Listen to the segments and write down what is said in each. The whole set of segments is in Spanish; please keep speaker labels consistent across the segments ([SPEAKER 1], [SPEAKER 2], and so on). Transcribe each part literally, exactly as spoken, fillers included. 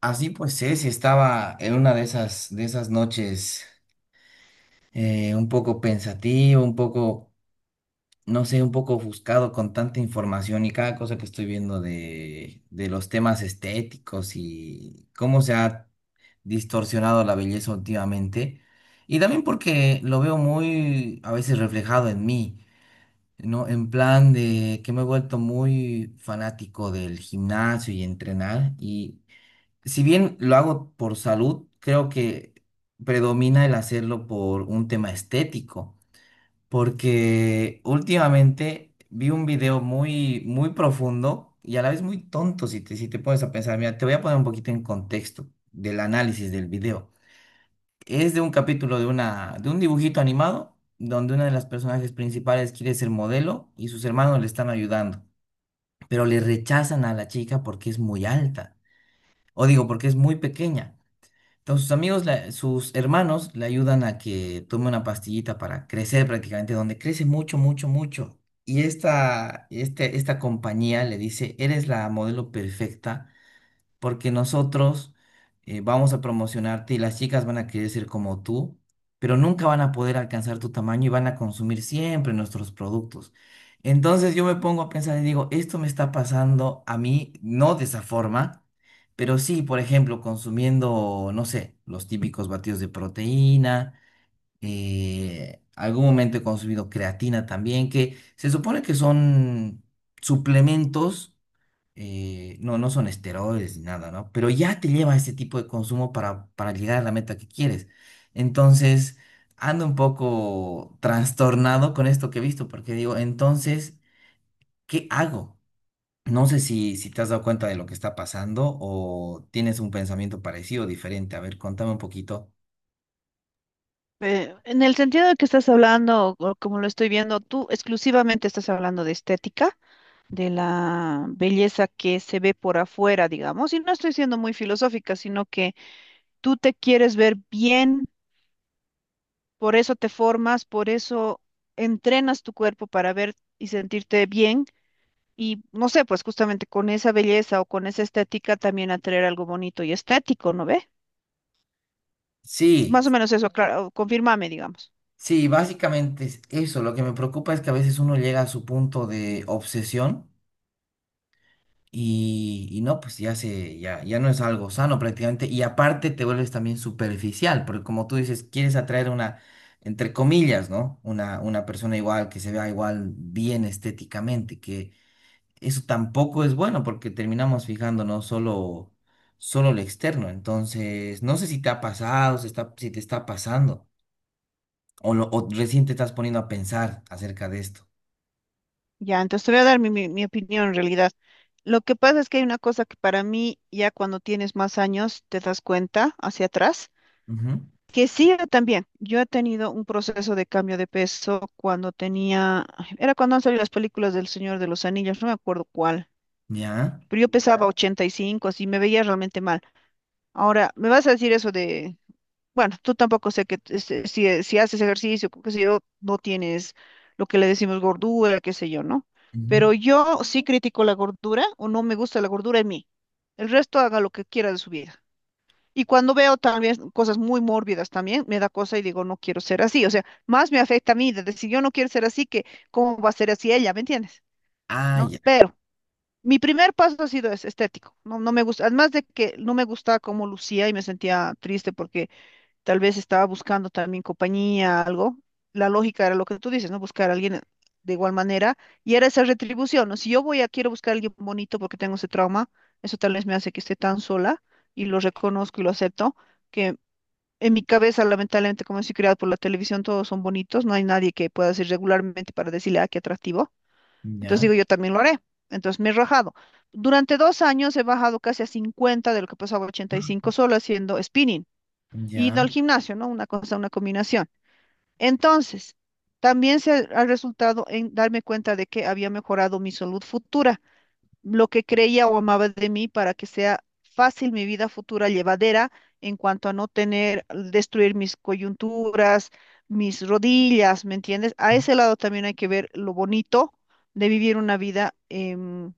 [SPEAKER 1] Así pues Ceci estaba en una de esas, de esas noches eh, un poco pensativo, un poco, no sé, un poco ofuscado con tanta información y cada cosa que estoy viendo de, de los temas estéticos y cómo se ha distorsionado la belleza últimamente. Y también porque lo veo muy a veces reflejado en mí, ¿no? En plan de que me he vuelto muy fanático del gimnasio y entrenar y... si bien lo hago por salud, creo que predomina el hacerlo por un tema estético, porque últimamente vi un video muy, muy profundo y a la vez muy tonto si te, si te pones a pensar. Mira, te voy a poner un poquito en contexto del análisis del video. Es de un capítulo de una, de un dibujito animado donde una de las personajes principales quiere ser modelo y sus hermanos le están ayudando, pero le rechazan a la chica porque es muy alta, o digo, porque es muy pequeña. Entonces sus amigos, la- sus hermanos le ayudan a que tome una pastillita para crecer prácticamente, donde crece mucho, mucho, mucho. Y esta, este- esta compañía le dice, eres la modelo perfecta porque nosotros eh, vamos a promocionarte y las chicas van a querer ser como tú, pero nunca van a poder alcanzar tu tamaño y van a consumir siempre nuestros productos. Entonces yo me pongo a pensar y digo, esto me está pasando a mí, no de esa forma, pero sí, por ejemplo, consumiendo, no sé, los típicos batidos de proteína. Eh, algún momento he consumido creatina también, que se supone que son suplementos, eh, no, no son esteroides ni nada, ¿no? Pero ya te lleva a ese tipo de consumo para, para llegar a la meta que quieres. Entonces, ando un poco trastornado con esto que he visto, porque digo, entonces, ¿qué hago? No sé si, si te has dado cuenta de lo que está pasando o tienes un pensamiento parecido o diferente. A ver, contame un poquito.
[SPEAKER 2] Eh, en el sentido de que estás hablando, o como lo estoy viendo, tú exclusivamente estás hablando de estética, de la belleza que se ve por afuera, digamos, y no estoy siendo muy filosófica, sino que tú te quieres ver bien, por eso te formas, por eso entrenas tu cuerpo para ver y sentirte bien, y no sé, pues justamente con esa belleza o con esa estética también atraer algo bonito y estético, ¿no ve?
[SPEAKER 1] Sí,
[SPEAKER 2] Más o menos eso, claro, confírmame, digamos.
[SPEAKER 1] sí, básicamente es eso. Lo que me preocupa es que a veces uno llega a su punto de obsesión. Y, y no, pues ya se, ya, ya no es algo sano prácticamente. Y aparte te vuelves también superficial, porque como tú dices, quieres atraer una, entre comillas, ¿no? Una, una persona igual, que se vea igual bien estéticamente, que eso tampoco es bueno porque terminamos fijándonos solo, solo lo externo. Entonces, no sé si te ha pasado, si está, si te está pasando, o, lo, o recién te estás poniendo a pensar acerca de esto.
[SPEAKER 2] Ya, entonces te voy a dar mi, mi, mi opinión en realidad. Lo que pasa es que hay una cosa que para mí, ya cuando tienes más años, te das cuenta hacia atrás,
[SPEAKER 1] Ujú.
[SPEAKER 2] que sí, yo también. Yo he tenido un proceso de cambio de peso cuando tenía, ay, era cuando han salido las películas del Señor de los Anillos, no me acuerdo cuál,
[SPEAKER 1] Ya.
[SPEAKER 2] pero yo pesaba, ya, ochenta y cinco, así me veía realmente mal. Ahora, me vas a decir eso de, bueno, tú tampoco sé que t- este, si, si haces ejercicio, qué sé yo, no tienes lo que le decimos gordura, qué sé yo, ¿no?
[SPEAKER 1] Ujú.
[SPEAKER 2] Pero yo sí critico la gordura o no me gusta la gordura en mí. El resto haga lo que quiera de su vida. Y cuando veo también cosas muy mórbidas también, me da cosa y digo, no quiero ser así. O sea, más me afecta a mí de decir, yo no quiero ser así que cómo va a ser así ella, ¿me entiendes?
[SPEAKER 1] Ah,
[SPEAKER 2] ¿No?
[SPEAKER 1] ya.
[SPEAKER 2] Pero mi primer paso ha sido ese, estético. No, no me gusta, además de que no me gustaba cómo lucía y me sentía triste porque tal vez estaba buscando también compañía, algo. La lógica era lo que tú dices, ¿no? Buscar a alguien de igual manera y era esa retribución, ¿no? Si yo voy a, quiero buscar a alguien bonito porque tengo ese trauma, eso tal vez me hace que esté tan sola y lo reconozco y lo acepto, que en mi cabeza, lamentablemente, como soy criada por la televisión, todos son bonitos, no hay nadie que pueda decir regularmente para decirle, ah, qué atractivo. Entonces digo,
[SPEAKER 1] Ya.
[SPEAKER 2] yo también lo haré. Entonces me he rajado. Durante dos años he bajado casi a cincuenta de lo que pasaba a ochenta y cinco solo haciendo spinning y no
[SPEAKER 1] Ya.
[SPEAKER 2] al gimnasio, ¿no? Una cosa, una combinación. Entonces, también se ha resultado en darme cuenta de que había mejorado mi salud futura, lo que creía o amaba de mí para que sea fácil mi vida futura llevadera en cuanto a no tener, destruir mis coyunturas, mis rodillas, ¿me entiendes? A ese lado también hay que ver lo bonito de vivir una vida em,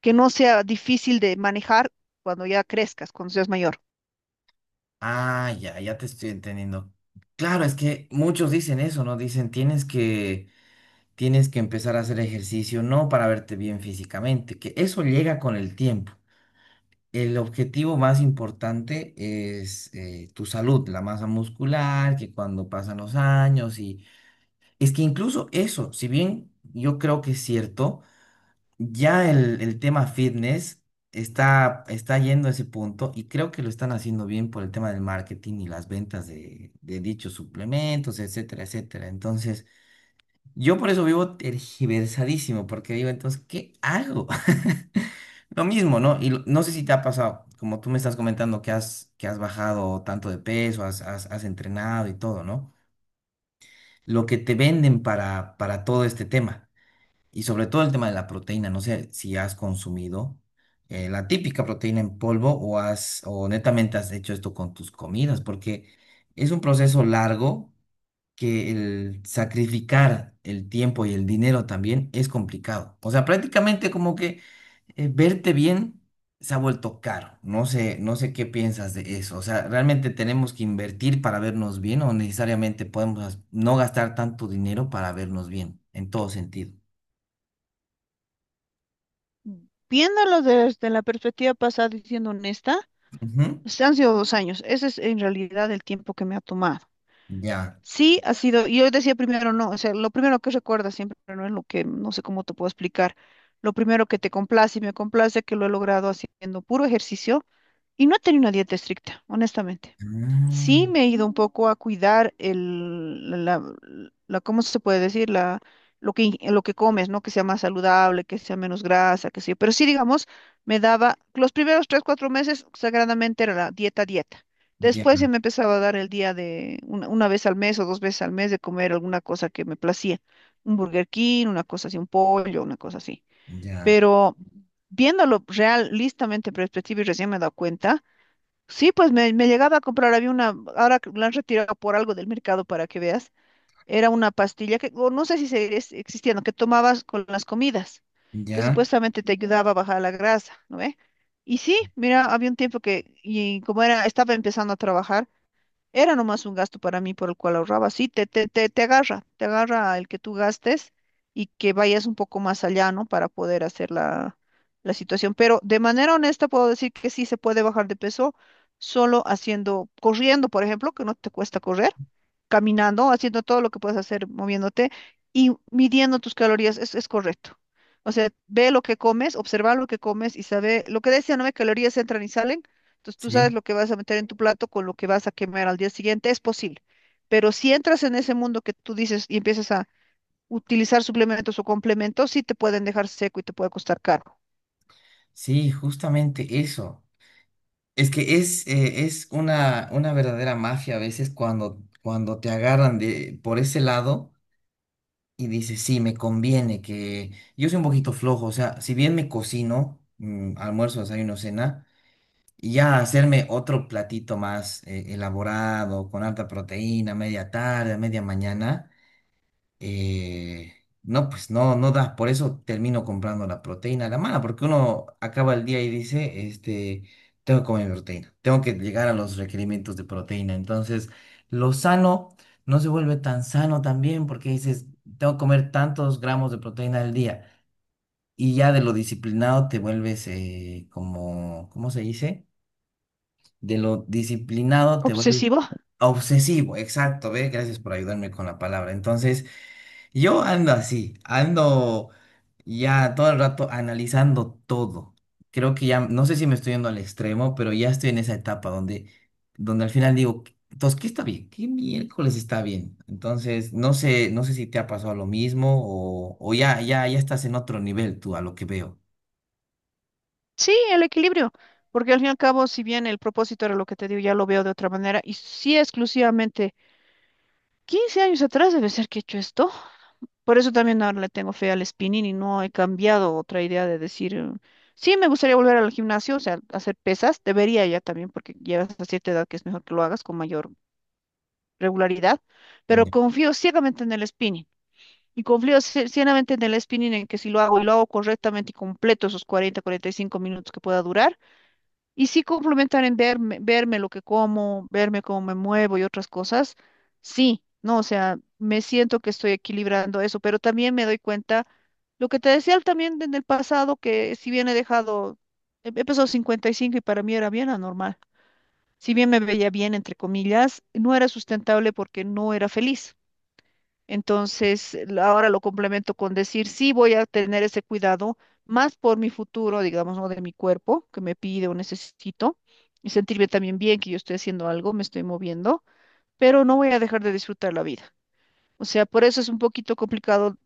[SPEAKER 2] que no sea difícil de manejar cuando ya crezcas, cuando seas mayor.
[SPEAKER 1] Ah, ya, ya te estoy entendiendo. Claro, es que muchos dicen eso, ¿no? Dicen, tienes que, tienes que empezar a hacer ejercicio, no para verte bien físicamente, que eso llega con el tiempo. El objetivo más importante es eh, tu salud, la masa muscular, que cuando pasan los años y es que incluso eso, si bien yo creo que es cierto, ya el, el tema fitness está, está yendo a ese punto y creo que lo están haciendo bien por el tema del marketing y las ventas de, de dichos suplementos, etcétera, etcétera. Entonces, yo por eso vivo tergiversadísimo, porque digo, entonces, ¿qué hago? Lo mismo, ¿no? Y lo- no sé si te ha pasado, como tú me estás comentando que has, que has bajado tanto de peso, has, has, has entrenado y todo, ¿no? Lo que te venden para, para todo este tema. Y sobre todo el tema de la proteína, no sé si has consumido eh, la típica proteína en polvo o has, o netamente has hecho esto con tus comidas, porque es un proceso largo, que el sacrificar el tiempo y el dinero también es complicado. O sea, prácticamente como que eh, verte bien se ha vuelto caro. No sé, no sé qué piensas de eso. O sea, ¿realmente tenemos que invertir para vernos bien o necesariamente podemos no gastar tanto dinero para vernos bien en todo sentido?
[SPEAKER 2] Viéndolo desde la perspectiva pasada y siendo honesta, pues han sido dos años. Ese es en realidad el tiempo que me ha tomado.
[SPEAKER 1] Ya.
[SPEAKER 2] Sí, ha sido, y yo decía primero no, o sea, lo primero que recuerdas siempre no es lo que, no sé cómo te puedo explicar, lo primero que te complace y me complace que lo he logrado haciendo puro ejercicio y no he tenido una dieta estricta, honestamente.
[SPEAKER 1] Ah,
[SPEAKER 2] Sí, me he ido un poco a cuidar el, la, la- ¿cómo se puede decir? La, lo que, in- lo que comes, ¿no? Que sea más saludable, que sea menos grasa, que sea. Pero sí, digamos, me daba, los primeros tres, cuatro meses, sagradamente era la dieta, dieta.
[SPEAKER 1] ya,
[SPEAKER 2] Después se me empezaba a dar el día de una, una vez al mes o dos veces al mes de comer alguna cosa que me placía. Un Burger King, una cosa así, un pollo, una cosa así.
[SPEAKER 1] ya,
[SPEAKER 2] Pero viéndolo realistamente en perspectiva y recién me he dado cuenta. Sí, pues me, me llegaba a comprar, había una, ahora que la han retirado por algo del mercado para que veas, era una pastilla que, o no sé si sigue existiendo, que tomabas con las comidas, que
[SPEAKER 1] ya.
[SPEAKER 2] supuestamente te ayudaba a bajar la grasa, ¿no ve? Y sí, mira, había un tiempo que, y como era, estaba empezando a trabajar, era nomás un gasto para mí por el cual ahorraba. Sí, te, te, te, te agarra, te agarra el que tú gastes y que vayas un poco más allá, ¿no? Para poder hacer la, la situación. Pero de manera honesta puedo decir que sí se puede bajar de peso solo haciendo, corriendo, por ejemplo, que no te cuesta correr, caminando, haciendo todo lo que puedes hacer moviéndote y midiendo tus calorías. Es, es correcto. O sea, ve lo que comes, observa lo que comes y sabe, lo que decía, ¿no? Que calorías entran y salen, entonces tú sabes
[SPEAKER 1] Sí,
[SPEAKER 2] lo que vas a meter en tu plato con lo que vas a quemar al día siguiente, es posible. Pero si entras en ese mundo que tú dices y empiezas a utilizar suplementos o complementos, sí te pueden dejar seco y te puede costar caro.
[SPEAKER 1] sí, justamente eso. Es que es, eh, es una, una verdadera mafia a veces cuando, cuando te agarran de, por ese lado y dices, sí, me conviene que yo soy un poquito flojo. O sea, si bien me cocino, mm, almuerzo, desayuno, cena, y ya hacerme otro platito más eh, elaborado, con alta proteína, media tarde, media mañana. eh, no, pues no, no da. Por eso termino comprando la proteína a la mala, porque uno acaba el día y dice, este, tengo que comer proteína, tengo que llegar a los requerimientos de proteína. Entonces, lo sano no se vuelve tan sano también, porque dices, tengo que comer tantos gramos de proteína al día. Y ya de lo disciplinado te vuelves eh, como, ¿cómo se dice? De lo disciplinado te vuelves
[SPEAKER 2] ¿Obsesivo?
[SPEAKER 1] obsesivo, exacto, ve, gracias por ayudarme con la palabra. Entonces, yo ando así, ando ya todo el rato analizando todo. Creo que ya, no sé si me estoy yendo al extremo, pero ya estoy en esa etapa donde, donde al final digo, "¿Qué- entonces, ¿qué está bien? ¿Qué miércoles está bien?" Entonces, no sé, no sé si te ha pasado lo mismo o, o ya, ya, ya estás en otro nivel tú a lo que veo.
[SPEAKER 2] Sí, el equilibrio. Porque al fin y al cabo, si bien el propósito era lo que te digo, ya lo veo de otra manera. Y sí, exclusivamente, quince años atrás debe ser que he hecho esto. Por eso también ahora le tengo fe al spinning y no he cambiado otra idea de decir, eh, sí, me gustaría volver al gimnasio, o sea, hacer pesas, debería ya también, porque llegas a cierta edad que es mejor que lo hagas con mayor regularidad, pero confío ciegamente en el spinning y confío cie- ciegamente en el spinning en que si lo hago y lo hago correctamente y completo esos cuarenta cuarenta y cinco minutos que pueda durar, y sí complementar en verme, verme lo que como, verme cómo me muevo y otras cosas, sí, no, o sea, me siento que estoy equilibrando eso, pero también me doy cuenta, lo que te decía también en el pasado, que si bien he dejado, he he pesado cincuenta y cinco y cinco y para mí era bien anormal, si bien me veía bien, entre comillas, no era sustentable porque no era feliz. Entonces, la- ahora lo complemento con decir, sí voy a tener ese cuidado, más por mi futuro, digamos, ¿no? De mi cuerpo, que me pide o necesito, y sentirme también bien que yo estoy haciendo algo, me estoy moviendo, pero no voy a dejar de disfrutar la vida. O sea, por eso es un poquito complicado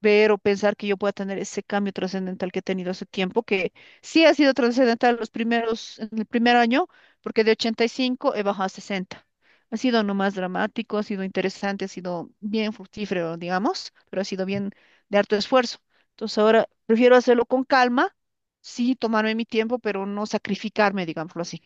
[SPEAKER 2] ver o pensar que yo pueda tener ese cambio trascendental que he tenido hace tiempo, que sí ha sido trascendental los primeros, en el primer año, porque de ochenta y cinco he bajado a sesenta. Ha sido no más dramático, ha sido interesante, ha sido bien fructífero, digamos, pero ha sido bien de harto esfuerzo. Entonces ahora prefiero hacerlo con calma, sí, tomarme mi tiempo, pero no sacrificarme, digámoslo así.